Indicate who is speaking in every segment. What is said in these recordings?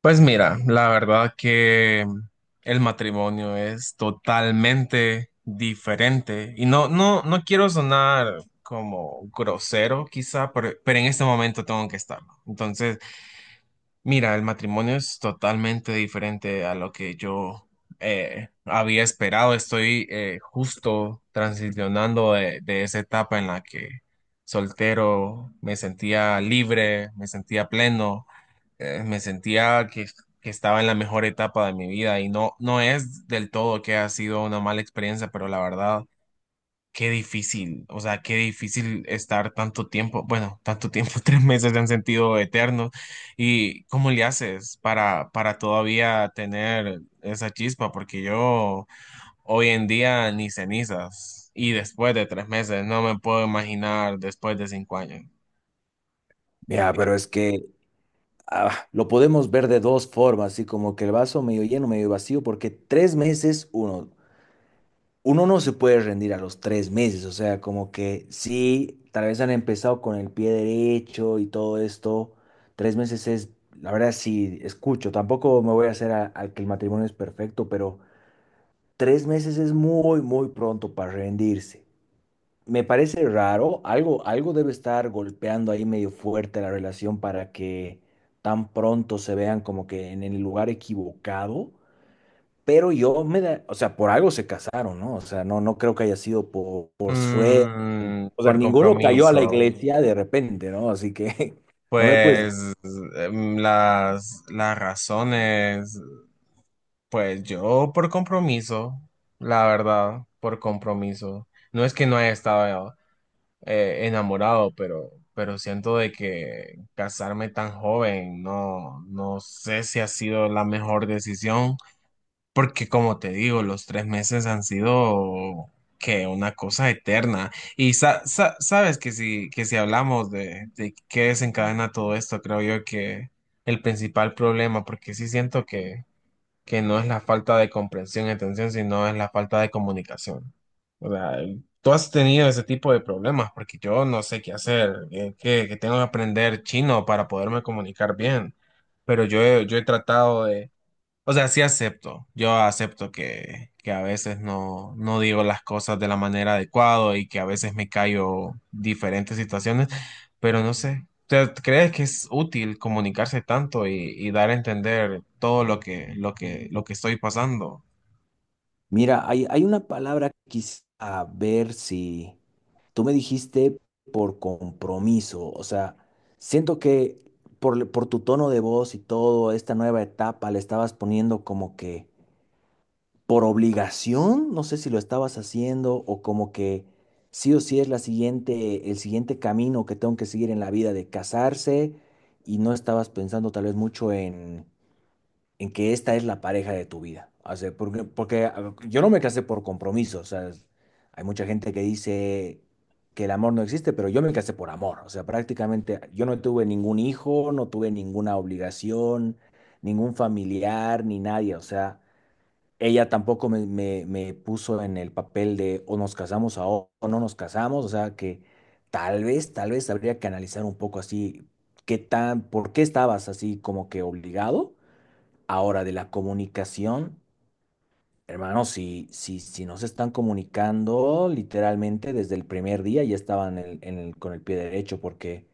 Speaker 1: Pues mira, la verdad que el matrimonio es totalmente diferente y no quiero sonar como grosero quizá, pero en este momento tengo que estarlo. Entonces, mira, el matrimonio es totalmente diferente a lo que yo había esperado. Estoy justo transicionando de esa etapa en la que soltero me sentía libre, me sentía pleno me sentía que estaba en la mejor etapa de mi vida y no es del todo que ha sido una mala experiencia, pero la verdad, qué difícil, o sea, qué difícil estar tanto tiempo, bueno, tanto tiempo, 3 meses en sentido eterno. ¿Y cómo le haces para todavía tener esa chispa? Porque yo hoy en día ni cenizas. Y después de 3 meses, no me puedo imaginar después de 5 años.
Speaker 2: Mira, pero es que lo podemos ver de dos formas, así como que el vaso medio lleno, medio vacío, porque 3 meses, uno no se puede rendir a los 3 meses, o sea, como que sí, tal vez han empezado con el pie derecho y todo esto, 3 meses es, la verdad sí, escucho, tampoco me voy a hacer al que el matrimonio es perfecto, pero 3 meses es muy, muy pronto para rendirse. Me parece raro, algo, algo debe estar golpeando ahí medio fuerte la relación para que tan pronto se vean como que en el lugar equivocado, pero yo me da, o sea, por algo se casaron, ¿no? O sea, no, no creo que haya sido por suerte,
Speaker 1: Mm,
Speaker 2: o sea,
Speaker 1: por
Speaker 2: ninguno cayó a la
Speaker 1: compromiso,
Speaker 2: iglesia de repente, ¿no? Así que no me puedes.
Speaker 1: pues las razones, pues yo por compromiso, la verdad, por compromiso. No es que no haya estado enamorado, pero siento de que casarme tan joven, no sé si ha sido la mejor decisión. Porque como te digo, los 3 meses han sido que una cosa eterna. Y sabes que si hablamos de qué desencadena todo esto, creo yo que el principal problema, porque sí siento que no es la falta de comprensión y atención, sino es la falta de comunicación. O sea, tú has tenido ese tipo de problemas, porque yo no sé qué hacer, que tengo que aprender chino para poderme comunicar bien, pero yo he tratado de, o sea, sí acepto. Yo acepto que a veces no digo las cosas de la manera adecuada y que a veces me callo diferentes situaciones, pero no sé. ¿Crees que es útil comunicarse tanto y dar a entender todo lo que, lo que estoy pasando?
Speaker 2: Mira, hay una palabra que quisiera ver si tú me dijiste por compromiso, o sea, siento que por tu tono de voz y todo, esta nueva etapa le estabas poniendo como que por obligación, no sé si lo estabas haciendo o como que sí o sí es la siguiente, el siguiente camino que tengo que seguir en la vida de casarse y no estabas pensando tal vez mucho en que esta es la pareja de tu vida. O sea, porque a ver, yo no me casé por compromiso. O sea, hay mucha gente que dice que el amor no existe, pero yo me casé por amor. O sea, prácticamente yo no tuve ningún hijo, no tuve ninguna obligación, ningún familiar, ni nadie. O sea, ella tampoco me puso en el papel de o nos casamos ahora o no nos casamos. O sea, que tal vez habría que analizar un poco así. ¿Qué tan, por qué estabas así como que obligado? Ahora, de la comunicación, hermano, si no se están comunicando, literalmente desde el primer día ya estaban con el pie derecho, porque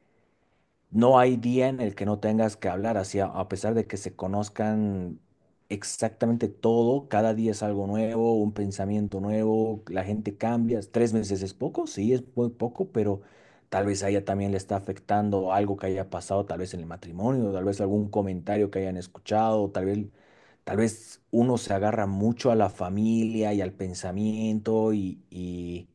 Speaker 2: no hay día en el que no tengas que hablar así, a pesar de que se conozcan exactamente todo, cada día es algo nuevo, un pensamiento nuevo, la gente cambia. 3 meses es poco, sí, es muy poco, pero tal vez a ella también le está afectando algo que haya pasado, tal vez en el matrimonio, tal vez algún comentario que hayan escuchado, tal vez uno se agarra mucho a la familia y al pensamiento y, y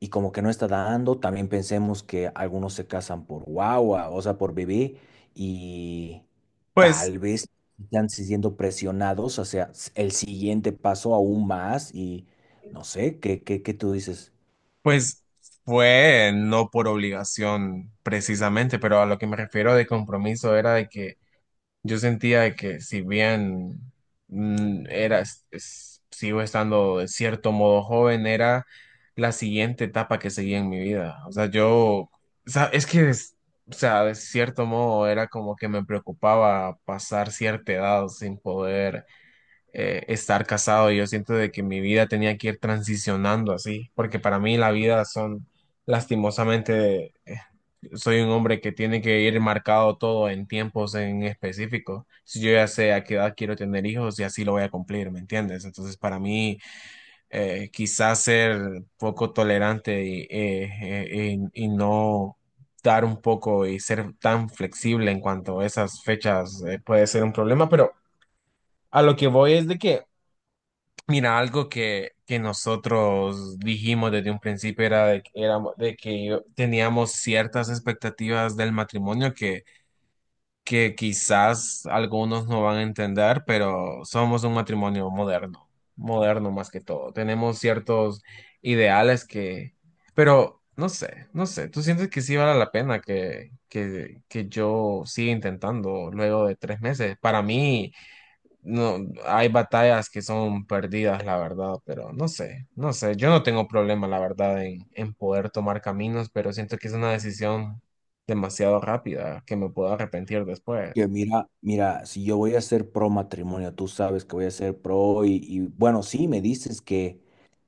Speaker 2: y como que no está dando. También pensemos que algunos se casan por guagua, o sea, por bebé, y
Speaker 1: Pues,
Speaker 2: tal vez están siendo presionados hacia el siguiente paso aún más y no sé, ¿qué tú dices?
Speaker 1: pues fue no por obligación precisamente, pero a lo que me refiero de compromiso era de que yo sentía de que si bien sigo estando de cierto modo joven, era la siguiente etapa que seguía en mi vida. O sea, yo, o sea, es que, o sea, de cierto modo era como que me preocupaba pasar cierta edad sin poder estar casado. Yo siento de que mi vida tenía que ir transicionando así, porque para mí la vida son, lastimosamente, soy un hombre que tiene que ir marcado todo en tiempos en específico. Si yo ya sé a qué edad quiero tener hijos y así lo voy a cumplir, ¿me entiendes? Entonces, para mí, quizás ser poco tolerante y, y no dar un poco y ser tan flexible en cuanto a esas fechas, puede ser un problema, pero a lo que voy es de que mira, algo que nosotros dijimos desde un principio era de, que teníamos ciertas expectativas del matrimonio que quizás algunos no van a entender, pero somos un matrimonio moderno, moderno más que todo. Tenemos ciertos ideales que, pero no sé, no sé, ¿tú sientes que sí vale la pena que yo siga intentando luego de 3 meses? Para mí... No, hay batallas que son perdidas, la verdad, pero no sé, no sé. Yo no tengo problema, la verdad, en poder tomar caminos, pero siento que es una decisión demasiado rápida que me puedo arrepentir
Speaker 2: Que
Speaker 1: después.
Speaker 2: mira, mira, si yo voy a ser pro matrimonio, tú sabes que voy a ser pro bueno, sí, me dices que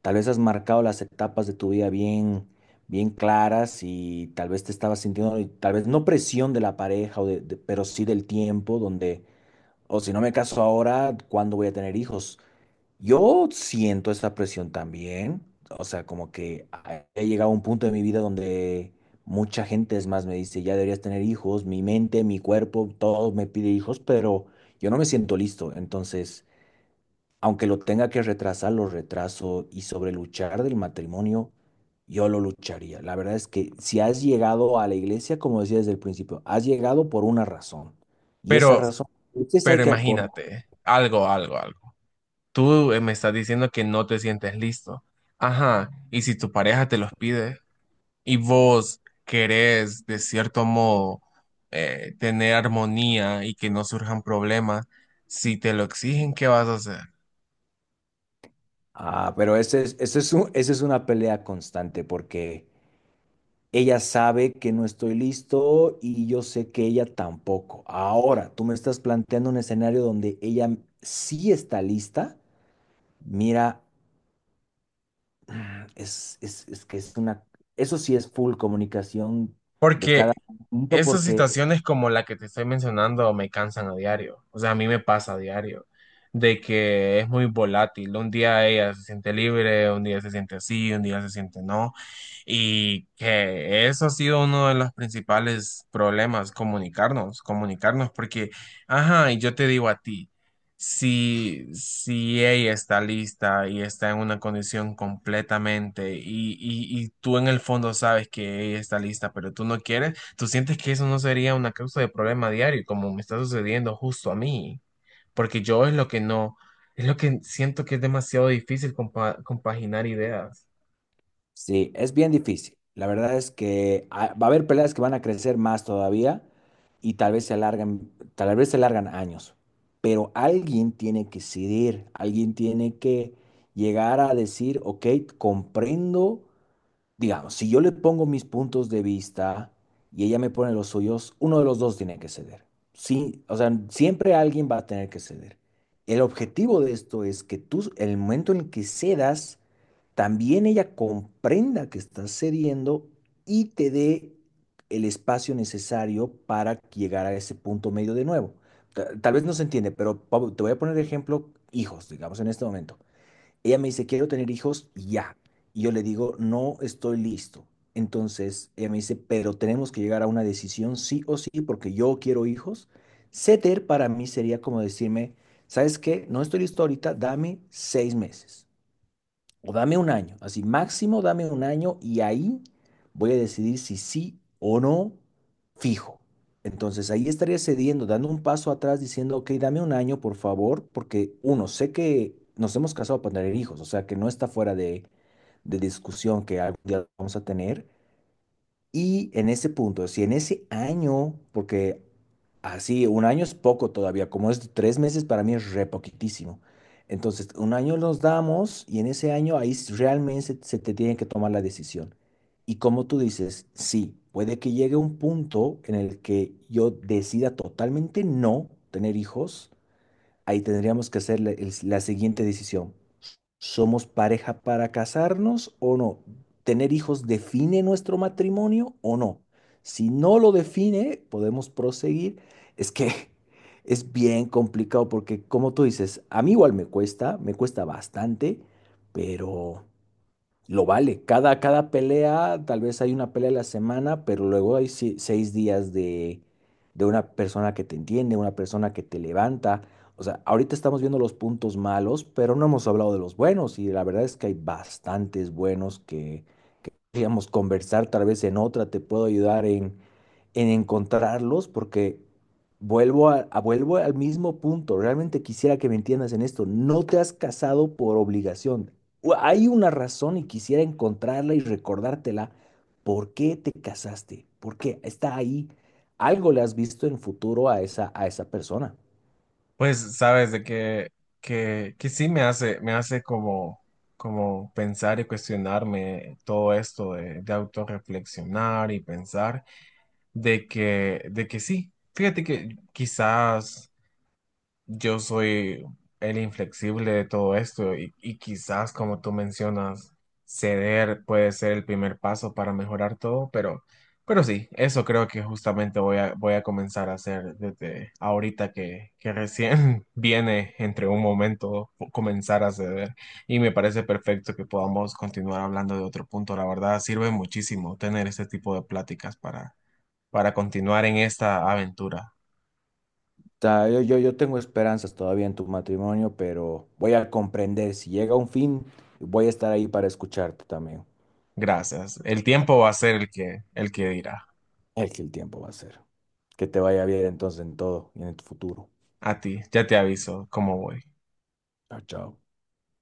Speaker 2: tal vez has marcado las etapas de tu vida bien, bien claras y tal vez te estabas sintiendo, y tal vez no presión de la pareja, o pero sí del tiempo, donde, o si no me caso ahora, ¿cuándo voy a tener hijos? Yo siento esa presión también, o sea, como que he llegado a un punto de mi vida donde mucha gente es más me dice, ya deberías tener hijos, mi mente, mi cuerpo, todo me pide hijos, pero yo no me siento listo, entonces, aunque lo tenga que retrasar, lo retraso y sobre luchar del matrimonio, yo lo lucharía. La verdad es que si has llegado a la iglesia, como decía desde el principio, has llegado por una razón y esa
Speaker 1: Pero,
Speaker 2: razón, entonces hay
Speaker 1: pero
Speaker 2: que acordar.
Speaker 1: imagínate, algo, algo, algo. Tú me estás diciendo que no te sientes listo. Ajá, y si tu pareja te los pide y vos querés, de cierto modo, tener armonía y que no surjan problemas, si te lo exigen, ¿qué vas a hacer?
Speaker 2: Ah, pero ese es un- esa es una pelea constante porque ella sabe que no estoy listo y yo sé que ella tampoco. Ahora, tú me estás planteando un escenario donde ella sí está lista. Mira, es que es una, eso sí es full comunicación de cada
Speaker 1: Porque
Speaker 2: punto
Speaker 1: esas
Speaker 2: porque.
Speaker 1: situaciones como la que te estoy mencionando me cansan a diario. O sea, a mí me pasa a diario. De que es muy volátil. Un día ella se siente libre, un día se siente así, un día se siente no. Y que eso ha sido uno de los principales problemas, comunicarnos, comunicarnos. Porque, ajá, y yo te digo a ti si ella está lista y está en una condición completamente y tú en el fondo sabes que ella está lista, pero tú no quieres, tú sientes que eso no sería una causa de problema diario, como me está sucediendo justo a mí, porque yo es lo que no, es lo que siento que es demasiado difícil compaginar ideas.
Speaker 2: Sí, es bien difícil. La verdad es que va a haber peleas que van a crecer más todavía y tal vez se alargan, tal vez se alargan años. Pero alguien tiene que ceder, alguien tiene que llegar a decir, ok, comprendo, digamos, si yo le pongo mis puntos de vista y ella me pone los suyos, uno de los dos tiene que ceder. Sí, o sea, siempre alguien va a tener que ceder. El objetivo de esto es que tú, el momento en el que cedas, también ella comprenda que estás cediendo y te dé el espacio necesario para llegar a ese punto medio de nuevo. Tal vez no se entiende, pero Pablo, te voy a poner de ejemplo hijos, digamos, en este momento. Ella me dice, quiero tener hijos ya. Y yo le digo, no estoy listo. Entonces ella me dice, pero tenemos que llegar a una decisión sí o sí, porque yo quiero hijos. Ceder para mí sería como decirme, ¿sabes qué? No estoy listo ahorita, dame 6 meses. O dame un año, así máximo dame un año y ahí voy a decidir si sí o no fijo. Entonces ahí estaría cediendo, dando un paso atrás, diciendo, ok, dame un año, por favor, porque uno, sé que nos hemos casado para tener hijos, o sea que no está fuera de discusión que algún día vamos a tener. Y en ese punto, si en ese año, porque así, un año es poco todavía, como es 3 meses, para mí es re poquitísimo. Entonces, un año nos damos y en ese año ahí s- realmente se te tiene que tomar la decisión. Y como tú dices, sí, puede que llegue un punto en el que yo decida totalmente no tener hijos ahí tendríamos que hacer la, la siguiente decisión. ¿Somos pareja para casarnos o no? ¿Tener hijos define nuestro matrimonio o no? Si no lo define, podemos proseguir. Es que es bien complicado porque, como tú dices, a mí igual me cuesta bastante, pero... Lo vale. Cada pelea, tal vez hay una pelea a la semana, pero luego hay 6 días de una persona que te entiende, una persona que te levanta. O sea, ahorita estamos viendo los puntos malos, pero no hemos hablado de los buenos y la verdad es que hay bastantes buenos que podríamos conversar tal vez en otra, te puedo ayudar en encontrarlos porque vuelvo al mismo punto. Realmente quisiera que me entiendas en esto. No te has casado por obligación. Hay una razón y quisiera encontrarla y recordártela. ¿Por qué te casaste? ¿Por qué está ahí? Algo le has visto en futuro a esa persona.
Speaker 1: Pues sabes de que, que sí me hace como, como pensar y cuestionarme todo esto de autorreflexionar y pensar de que sí. Fíjate que quizás yo soy el inflexible de todo esto y quizás, como tú mencionas, ceder puede ser el primer paso para mejorar todo, pero sí, eso creo que justamente voy a comenzar a hacer desde ahorita que recién viene entre un momento comenzar a ceder y me parece perfecto que podamos continuar hablando de otro punto. La verdad, sirve muchísimo tener este tipo de pláticas para continuar en esta aventura.
Speaker 2: O yo tengo esperanzas todavía en tu matrimonio, pero voy a comprender. Si llega un fin, voy a estar ahí para escucharte también.
Speaker 1: Gracias. El tiempo va a ser el que dirá.
Speaker 2: Es que el tiempo va a ser. Que te vaya bien entonces en todo y en el futuro.
Speaker 1: A ti, ya te aviso cómo voy.
Speaker 2: Chao, chao.